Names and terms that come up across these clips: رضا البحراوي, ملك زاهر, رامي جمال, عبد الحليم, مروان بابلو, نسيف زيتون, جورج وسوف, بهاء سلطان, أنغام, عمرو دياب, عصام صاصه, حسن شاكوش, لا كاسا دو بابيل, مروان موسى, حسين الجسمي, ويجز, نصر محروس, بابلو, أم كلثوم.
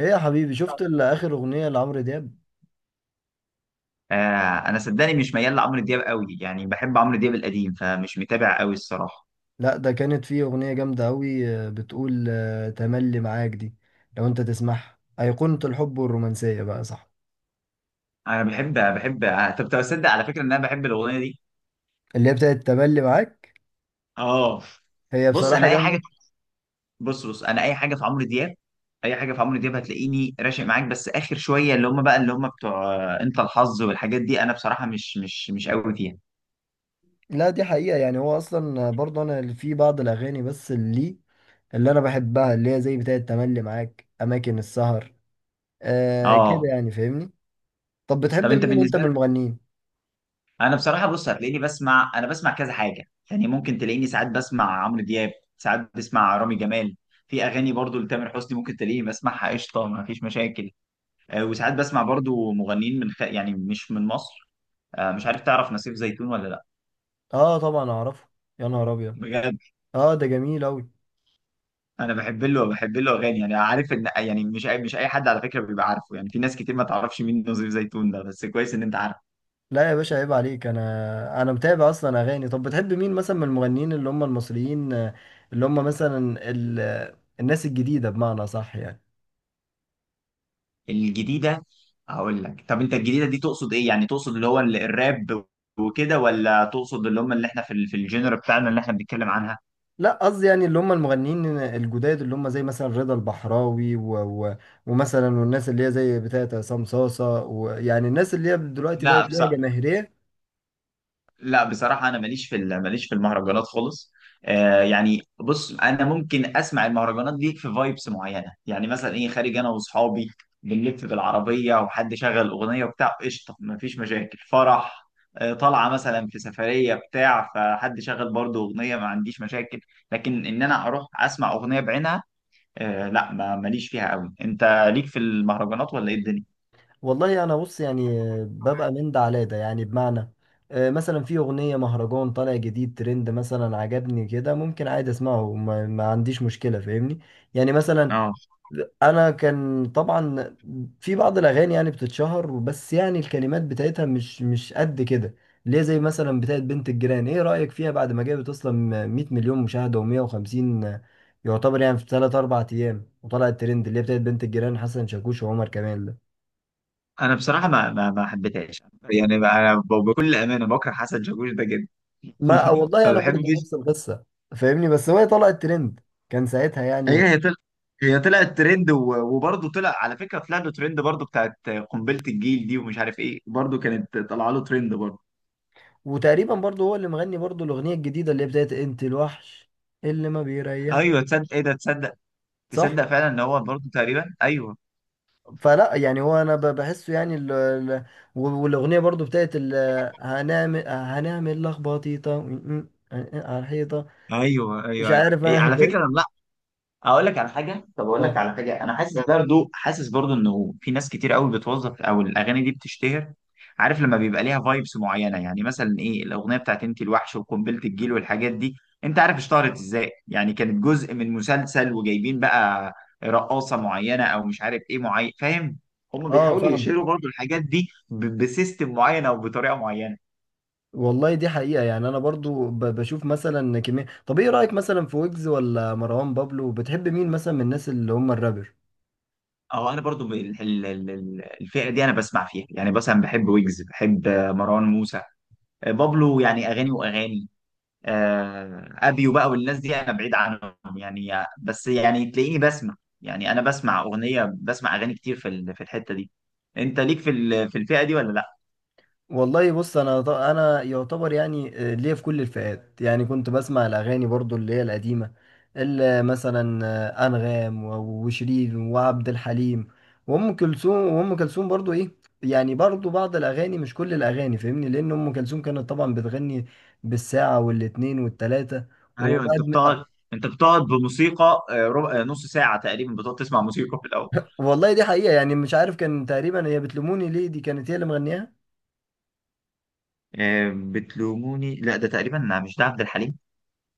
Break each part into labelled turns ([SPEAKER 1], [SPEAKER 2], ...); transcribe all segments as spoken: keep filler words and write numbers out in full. [SPEAKER 1] ايه يا حبيبي، شفت ال- اخر اغنية لعمرو دياب؟
[SPEAKER 2] آه انا صدقني مش ميال لعمرو دياب قوي، يعني بحب عمرو دياب القديم فمش متابع قوي الصراحه.
[SPEAKER 1] لا، ده كانت فيه اغنية جامدة قوي. بتقول آه، تملي معاك دي. لو انت تسمعها، ايقونة الحب والرومانسية بقى، صح؟
[SPEAKER 2] انا بحب بحب آه، طب تصدق على فكره ان انا بحب الاغنيه دي.
[SPEAKER 1] اللي هي بتاعت تملي معاك،
[SPEAKER 2] اه،
[SPEAKER 1] هي
[SPEAKER 2] بص
[SPEAKER 1] بصراحة
[SPEAKER 2] انا اي حاجه
[SPEAKER 1] جامدة.
[SPEAKER 2] بص بص انا اي حاجه في عمرو دياب. اي حاجه في عمرو دياب هتلاقيني راشق معاك، بس اخر شويه اللي هم بقى اللي هم بتوع آه، انت الحظ والحاجات دي، انا بصراحه مش مش مش قوي فيها.
[SPEAKER 1] لا، دي حقيقة. يعني هو اصلا برضه انا اللي في بعض الاغاني، بس اللي اللي انا بحبها، اللي هي زي بتاعت تملي معاك، اماكن السهر. آه كده،
[SPEAKER 2] اه،
[SPEAKER 1] يعني فاهمني. طب
[SPEAKER 2] طب
[SPEAKER 1] بتحب
[SPEAKER 2] انت
[SPEAKER 1] مين انت
[SPEAKER 2] بالنسبه؟
[SPEAKER 1] من المغنيين؟
[SPEAKER 2] انا بصراحه بص هتلاقيني بسمع انا بسمع كذا حاجه، يعني ممكن تلاقيني ساعات بسمع عمرو دياب، ساعات بسمع رامي جمال. في اغاني برضو لتامر حسني ممكن تلاقيني بسمعها، قشطه ما فيش مشاكل. آه، وساعات بسمع برضو مغنيين من خ... يعني مش من مصر. آه، مش عارف، تعرف نسيف زيتون ولا لا؟
[SPEAKER 1] اه طبعا اعرفه. يا نهار ابيض!
[SPEAKER 2] بجد،
[SPEAKER 1] اه ده جميل اوي.
[SPEAKER 2] انا بحب له بحب له اغاني. يعني عارف ان، يعني مش اي مش اي حد على فكره بيبقى عارفه، يعني في ناس كتير ما تعرفش مين نسيف زيتون ده، بس كويس ان انت عارف.
[SPEAKER 1] لا يا باشا، عيب عليك، انا انا متابع اصلا اغاني. طب بتحب مين مثلا من المغنيين اللي هم المصريين؟ آه، اللي هم مثلا ال... آه، الناس الجديده، بمعنى صح يعني؟
[SPEAKER 2] الجديدة؟ هقول لك. طب انت الجديدة دي تقصد ايه؟ يعني تقصد اللي هو ال- الراب وكده، ولا تقصد اللي هم اللي احنا في ال- في الجنر بتاعنا اللي احنا بنتكلم عنها؟
[SPEAKER 1] لا، قصدي يعني اللي هم المغنيين الجداد، اللي هم زي مثلا رضا البحراوي و... و... ومثلا، والناس اللي هي زي بتاعت عصام صاصه، ويعني الناس اللي هي دلوقتي بقت
[SPEAKER 2] لا،
[SPEAKER 1] ليها جماهيريه.
[SPEAKER 2] لا بصراحة أنا ماليش في ال- ماليش في المهرجانات خالص. آه يعني بص أنا ممكن أسمع المهرجانات دي في فايبس معينة، يعني مثلا إيه، خارج أنا وأصحابي بنلف بالعربية وحد شغل أغنية وبتاع، قشطة مفيش مشاكل. فرح، آه طالعة مثلا في سفرية بتاع، فحد شغل برضه أغنية ما عنديش مشاكل. لكن إن أنا أروح أسمع أغنية بعينها، آه لا ما- ماليش فيها قوي. أنت ليك في المهرجانات ولا إيه الدنيا؟
[SPEAKER 1] والله انا بص، يعني آه، ببقى من ده على ده، يعني بمعنى، آه، مثلا في اغنيه مهرجان طالع جديد ترند، مثلا عجبني كده، ممكن عادي اسمعه، ما, ما عنديش مشكله، فاهمني. يعني مثلا، انا كان طبعا في بعض الاغاني يعني بتتشهر، بس يعني الكلمات بتاعتها مش مش قد كده، ليه؟ زي مثلا بتاعت بنت الجيران، ايه رايك فيها بعد ما جابت اصلا مئة مليون مشاهده ومية وخمسين؟ يعتبر يعني في ثلاثة اربعة ايام وطلعت ترند، اللي هي بتاعت بنت الجيران، حسن شاكوش وعمر كمال.
[SPEAKER 2] انا بصراحه ما ما, ما حبيتهاش، يعني ما- انا ب- بكل امانه بكره حسن شاكوش ده جدا.
[SPEAKER 1] ما والله،
[SPEAKER 2] ما
[SPEAKER 1] انا برضه
[SPEAKER 2] بحبش.
[SPEAKER 1] نفس القصه، فاهمني، بس هو طلع الترند كان ساعتها، يعني
[SPEAKER 2] هي
[SPEAKER 1] و...
[SPEAKER 2] هي طلع هي طلعت ترند، و- وبرضه طلع على فكره، طلع له ترند برضه بتاعت قنبله الجيل دي، ومش عارف ايه برضه كانت طالعه له ترند برضه.
[SPEAKER 1] وتقريبا برضه هو اللي مغني برضه الاغنيه الجديده، اللي هي بتاعت انت الوحش، اللي ما بيريح،
[SPEAKER 2] ايوه تصدق، ايه ده، تصدق،
[SPEAKER 1] صح؟
[SPEAKER 2] تصدق فعلا ان هو برضه تقريبا، ايوه،
[SPEAKER 1] فلا يعني، هو انا ب- بحسه يعني ال... ال... و- والاغنيه برضه بتاعت ال... هنعمل هنعمل لخبطيطه م- م- على الحيطه.
[SPEAKER 2] ايوه، ايوه.
[SPEAKER 1] مش
[SPEAKER 2] أيوة.
[SPEAKER 1] عارف
[SPEAKER 2] أيوة.
[SPEAKER 1] انا
[SPEAKER 2] على فكره
[SPEAKER 1] فاهم.
[SPEAKER 2] انا اقول لك على حاجه، طب اقول لك
[SPEAKER 1] اه
[SPEAKER 2] على حاجه. انا حاسس برضو حاسس برضو انه في ناس كتير قوي بتوظف، او الاغاني دي بتشتهر، عارف، لما بيبقى ليها فايبس معينه. يعني مثلا ايه الاغنيه بتاعت انت الوحش وقنبله الجيل والحاجات دي، انت عارف اشتهرت ازاي؟ يعني كانت جزء من مسلسل، وجايبين بقى رقاصه معينه او مش عارف ايه معين، فاهم؟ هم
[SPEAKER 1] اه،
[SPEAKER 2] بيحاولوا
[SPEAKER 1] فاهم.
[SPEAKER 2] يشيروا برضو الحاجات دي ب- بسيستم معين او بطريقه معينه.
[SPEAKER 1] والله دي حقيقة، يعني أنا برضو ب- بشوف مثلا كمية. طب إيه رأيك مثلا في ويجز ولا مروان بابلو؟ بتحب مين مثلا من الناس اللي هم الرابر؟
[SPEAKER 2] او انا برضو ب- ال- ال- ال- الفئه دي انا بسمع فيها، يعني مثلا بحب ويجز، بحب مروان موسى، بابلو، يعني اغاني واغاني. آه، ابيو بقى والناس دي انا بعيد عنهم يعني. بس يعني تلاقيني بسمع، يعني انا بسمع اغنيه، بسمع اغاني كتير في ال- في الحته دي. انت ليك في ال- في الفئه دي ولا لا؟
[SPEAKER 1] والله بص، أنا ط- أنا يعتبر، يعني آه، ليا في كل الفئات. يعني كنت بسمع الأغاني برضو اللي هي القديمة، اللي مثلا آه، أنغام و- وشيرين وعبد الحليم وأم كلثوم، وأم كلثوم برضو إيه، يعني برضو بعض الأغاني، مش كل الأغاني، فاهمني، لأن أم كلثوم كانت طبعا بتغني بالساعة والاتنين والتلاتة
[SPEAKER 2] ايوه. انت
[SPEAKER 1] وبعد.
[SPEAKER 2] بتقعد، انت بتقعد بموسيقى آه، ربع، آه، نص ساعه تقريبا بتقعد تسمع موسيقى في الاول.
[SPEAKER 1] والله دي حقيقة، يعني مش عارف، كان تقريبا هي بتلوموني ليه، دي كانت هي اللي مغنياها.
[SPEAKER 2] آه، بتلوموني؟ لا ده تقريبا مش ده عبد الحليم.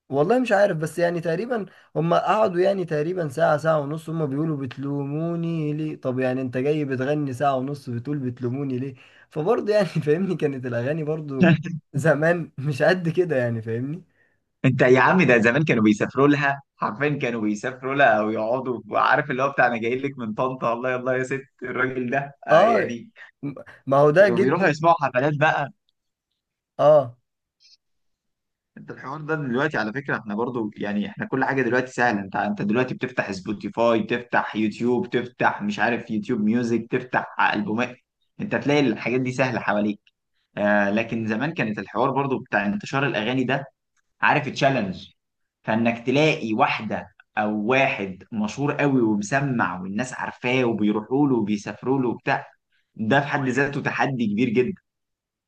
[SPEAKER 1] والله مش عارف، بس يعني تقريبا هم قعدوا يعني تقريبا ساعة، ساعة ونص، هم بيقولوا بتلوموني ليه. طب يعني انت جاي بتغني ساعة ونص بتقول بتلوموني ليه؟ فبرضه يعني فاهمني، كانت الأغاني برضه زمان مش قد كده، يعني فاهمني.
[SPEAKER 2] انت يا عم، ده زمان كانوا بيسافروا لها حرفيا، كانوا بيسافروا لها او يقعدوا، وعارف اللي هو بتاع انا جاي لك من طنطا، الله يلا يا ست، الراجل ده آه
[SPEAKER 1] اه،
[SPEAKER 2] يعني،
[SPEAKER 1] ما هو ده
[SPEAKER 2] كانوا بيروحوا
[SPEAKER 1] جدي.
[SPEAKER 2] يسمعوا حفلات بقى.
[SPEAKER 1] اه
[SPEAKER 2] انت الحوار ده دلوقتي على فكره احنا برضو، يعني احنا كل حاجه دلوقتي سهله، انت انت دلوقتي بتفتح سبوتيفاي، تفتح يوتيوب، تفتح مش عارف يوتيوب ميوزك، تفتح البومات، انت تلاقي الحاجات دي سهله حواليك. آه لكن زمان كانت الحوار برضو بتاع انتشار الاغاني ده، عارف، تشالنج، فانك تلاقي واحده او واحد مشهور قوي، ومسمع، والناس عارفاه، وبيروحوا له وبيسافروا له وبتاع، ده في حد ذاته تحدي كبير جدا.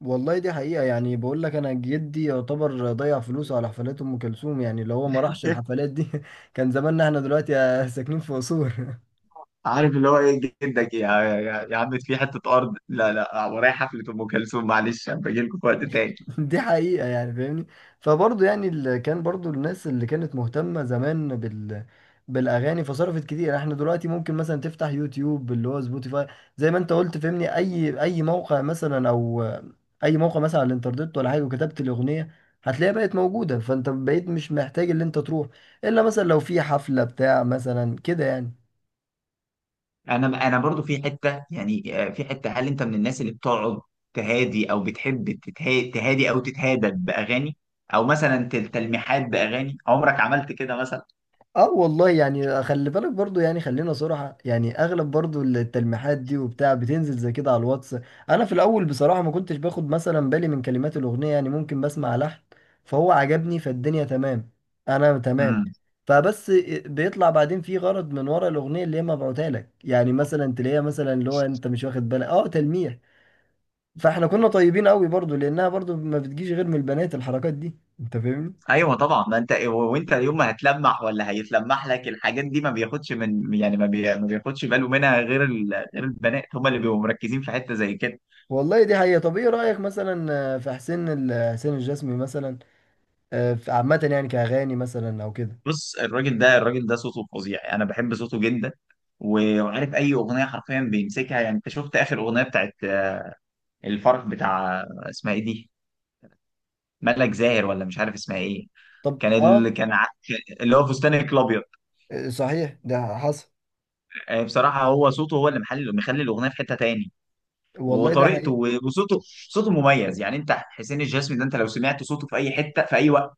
[SPEAKER 1] والله، دي حقيقة، يعني بقول لك، أنا جدي يعتبر ضيع فلوسه على حفلات أم كلثوم. يعني لو هو ما راحش الحفلات دي كان زماننا احنا دلوقتي ساكنين في أسوان.
[SPEAKER 2] عارف اللي هو ايه، جدك، يا يا, يا عم في حته ارض، لا لا ورايا حفله ام كلثوم معلش هبقى اجي لكم في وقت تاني.
[SPEAKER 1] دي حقيقة، يعني فاهمني. فبرضه يعني، اللي كان برضه الناس اللي كانت مهتمة زمان بال بالأغاني، فصرفت كتير. احنا دلوقتي ممكن مثلا تفتح يوتيوب، اللي هو سبوتيفاي، زي ما انت قلت فاهمني، أي أي موقع مثلا، أو أي موقع مثلا على الإنترنت ولا حاجة، وكتبت الأغنية هتلاقيها بقت موجودة. فانت بقيت مش محتاج اللي انت تروح، إلا مثلا لو في حفلة بتاع مثلا، كده يعني.
[SPEAKER 2] انا انا برضو في حته يعني، آه، في حته، هل انت من الناس اللي بتقعد تهادي، او بتحب تتها- تهادي او تتهادى باغاني؟ او مثلا تل- تلميحات باغاني، عمرك عملت كده مثلا؟
[SPEAKER 1] اه والله، يعني خلي بالك برضو، يعني خلينا صراحة، يعني اغلب برضو التلميحات دي وبتاع بتنزل زي كده على الواتس. انا في الاول بصراحة ما كنتش باخد مثلا بالي من كلمات الاغنية، يعني ممكن بسمع لحن فهو عجبني، فالدنيا تمام، انا تمام، فبس بيطلع بعدين في غرض من ورا الاغنية اللي هي مبعوتها لك، يعني مثلا تلاقيها مثلا اللي هو انت مش واخد بالك، اه، تلميح. فاحنا كنا طيبين قوي برضو، لانها برضو ما بتجيش غير من البنات الحركات دي، انت فاهمني.
[SPEAKER 2] ايوه طبعا، ما انت و- وانت يوم ما هتلمح ولا هيتلمح لك الحاجات دي، ما بياخدش، من يعني، ما, بي... ما بياخدش باله منها غير ال... غير البنات، هم اللي بيبقوا مركزين في حته زي كده.
[SPEAKER 1] والله دي حقيقة. طب ايه رأيك مثلا آه، في حسين ال- حسين الجسمي مثلا؟ آه، في- عامة يعني، كأغاني مثلا او كده؟
[SPEAKER 2] بص الراجل ده، الراجل ده صوته فظيع، انا بحب صوته جدا. و- وعارف اي اغنيه حرفيا بيمسكها، يعني انت شفت اخر اغنيه بتاعت الفرح بتاع، اسمها ايه دي؟ ملك زاهر ولا مش عارف اسمها ايه؟
[SPEAKER 1] طب
[SPEAKER 2] كان ال...
[SPEAKER 1] اه،
[SPEAKER 2] كان ع- اللي هو فستانك الابيض.
[SPEAKER 1] آه، صحيح ده حصل.
[SPEAKER 2] آه، بصراحه هو صوته، هو اللي محل مخلي الاغنيه في حته تاني،
[SPEAKER 1] والله ده
[SPEAKER 2] وطريقته،
[SPEAKER 1] حقيقة.
[SPEAKER 2] وصوته، صوته مميز يعني. انت حسين الجسمي ده، انت لو سمعت صوته في اي حته في اي وقت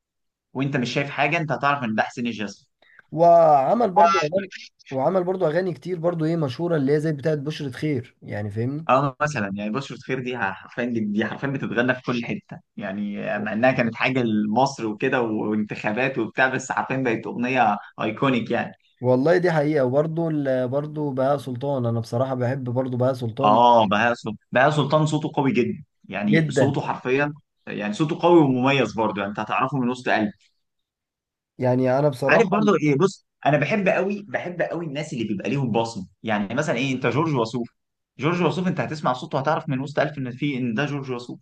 [SPEAKER 2] وانت مش شايف حاجه، انت هتعرف ان ده حسين الجسمي.
[SPEAKER 1] وعمل برضو اغاني وعمل برضو اغاني كتير برضو ايه مشهورة، اللي هي زي بتاعت بشرة خير، يعني فاهمني.
[SPEAKER 2] اه، مثلا يعني بشرة خير دي حرفيا دي حرفيا بتتغنى في كل حته، يعني مع انها كانت حاجه لمصر وكده، وانتخابات وبتاع، بس حرفيا بقت اغنيه ايكونيك يعني.
[SPEAKER 1] والله دي حقيقة، وبرضو ال- برضو بهاء سلطان. انا بصراحة بحب برضو بهاء سلطان
[SPEAKER 2] اه، بهاء سلطان، بهاء سلطان صوته قوي جدا، يعني
[SPEAKER 1] جدا،
[SPEAKER 2] صوته حرفيا، يعني صوته قوي ومميز برضه، يعني انت هتعرفه من وسط قلبك.
[SPEAKER 1] يعني انا بصراحة.
[SPEAKER 2] عارف برضو ايه؟ بص انا بحب قوي، بحب قوي الناس اللي بيبقى ليهم بصمه، يعني مثلا ايه، انت جورج وسوف، جورج وسوف انت هتسمع صوته هتعرف من وسط ألف ان في ان ده جورج وسوف.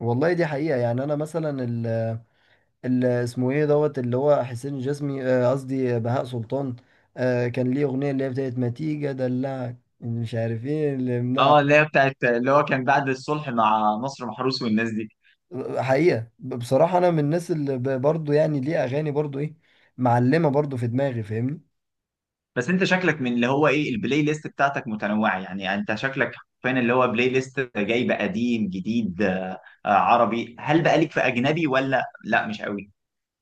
[SPEAKER 1] والله دي حقيقة، يعني انا مثلا، اللي اسمه ايه دوت، اللي هو حسين الجسمي، آه، قصدي بهاء سلطان، آه، كان ليه اغنيه اللي هي بتاعت ما تيجي ادلعك، مش عارف ايه اللي منع.
[SPEAKER 2] اه، اللي هي بتاعت اللي هو، كان بعد الصلح مع نصر محروس والناس دي.
[SPEAKER 1] حقيقه، ب- بصراحه انا من الناس اللي ب- برضو يعني ليه اغاني برضو ايه معلمه برضو في دماغي، فاهمني.
[SPEAKER 2] بس انت شكلك من اللي هو ايه، البلاي ليست بتاعتك متنوعه يعني. انت شكلك فين اللي هو بلاي ليست جايب قديم جديد آه، آه، عربي، هل بقى ليك في اجنبي ولا لا مش قوي؟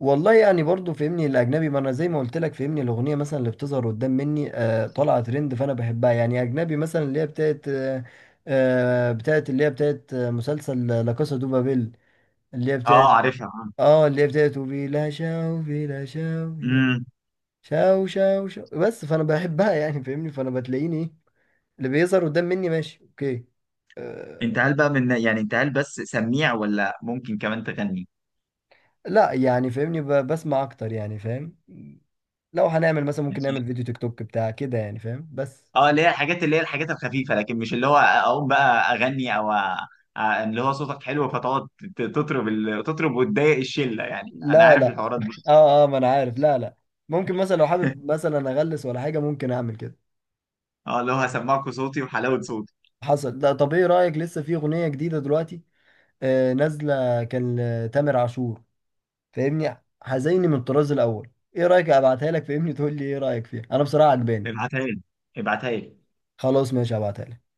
[SPEAKER 1] والله يعني برضو فهمني الاجنبي، ما انا زي ما قلت لك فهمني، الاغنيه مثلا اللي بتظهر قدام مني آه، طالعه ترند فانا بحبها. يعني اجنبي مثلا اللي هي بتاعت آه، آه، بتاعت اللي هي بتاعت آه، مسلسل لا كاسا دو بابيل، اللي هي بتاعت،
[SPEAKER 2] اه، عارفها.
[SPEAKER 1] اه، اللي هي بتاعت بلا شوفي لا شوفي
[SPEAKER 2] امم.
[SPEAKER 1] شاو شاو شاو، بس فانا بحبها يعني، فاهمني. فانا بتلاقيني ايه اللي بيظهر قدام مني ماشي اوكي، أه.
[SPEAKER 2] انت هل بقى من، يعني انت هل بس سميع ولا ممكن كمان تغني؟
[SPEAKER 1] لا يعني فاهمني، ب- بسمع اكتر، يعني فاهم؟ لو هنعمل مثلا، ممكن نعمل فيديو تيك توك بتاع كده، يعني فاهم، بس.
[SPEAKER 2] اه، اللي هي الحاجات اللي هي الحاجات الخفيفه، لكن مش اللي هو اقوم بقى اغني، او أ- اللي هو صوتك حلو فتقعد ت- تطرب، ال- تطرب وتضايق الشله يعني، انا
[SPEAKER 1] لا
[SPEAKER 2] عارف
[SPEAKER 1] لا،
[SPEAKER 2] الحوارات دي.
[SPEAKER 1] اه اه، ما انا عارف، لا لا. ممكن مثلا لو حابب مثلا اغلس ولا حاجه، ممكن اعمل كده.
[SPEAKER 2] اه، اللي هو هسمعكوا صوتي وحلاوه صوتي.
[SPEAKER 1] حصل. لا، طب ايه رايك؟ لسه في اغنيه جديده دلوقتي آه نازله، كان لتامر عاشور، فاهمني، هزيني، من الطراز الاول. ايه رايك ابعتها لك فاهمني؟ تقول لي ايه رايك فيها، انا بصراحه عجباني.
[SPEAKER 2] ابعتها لي، ابعتها لي.
[SPEAKER 1] خلاص ماشي، هبعتها لك.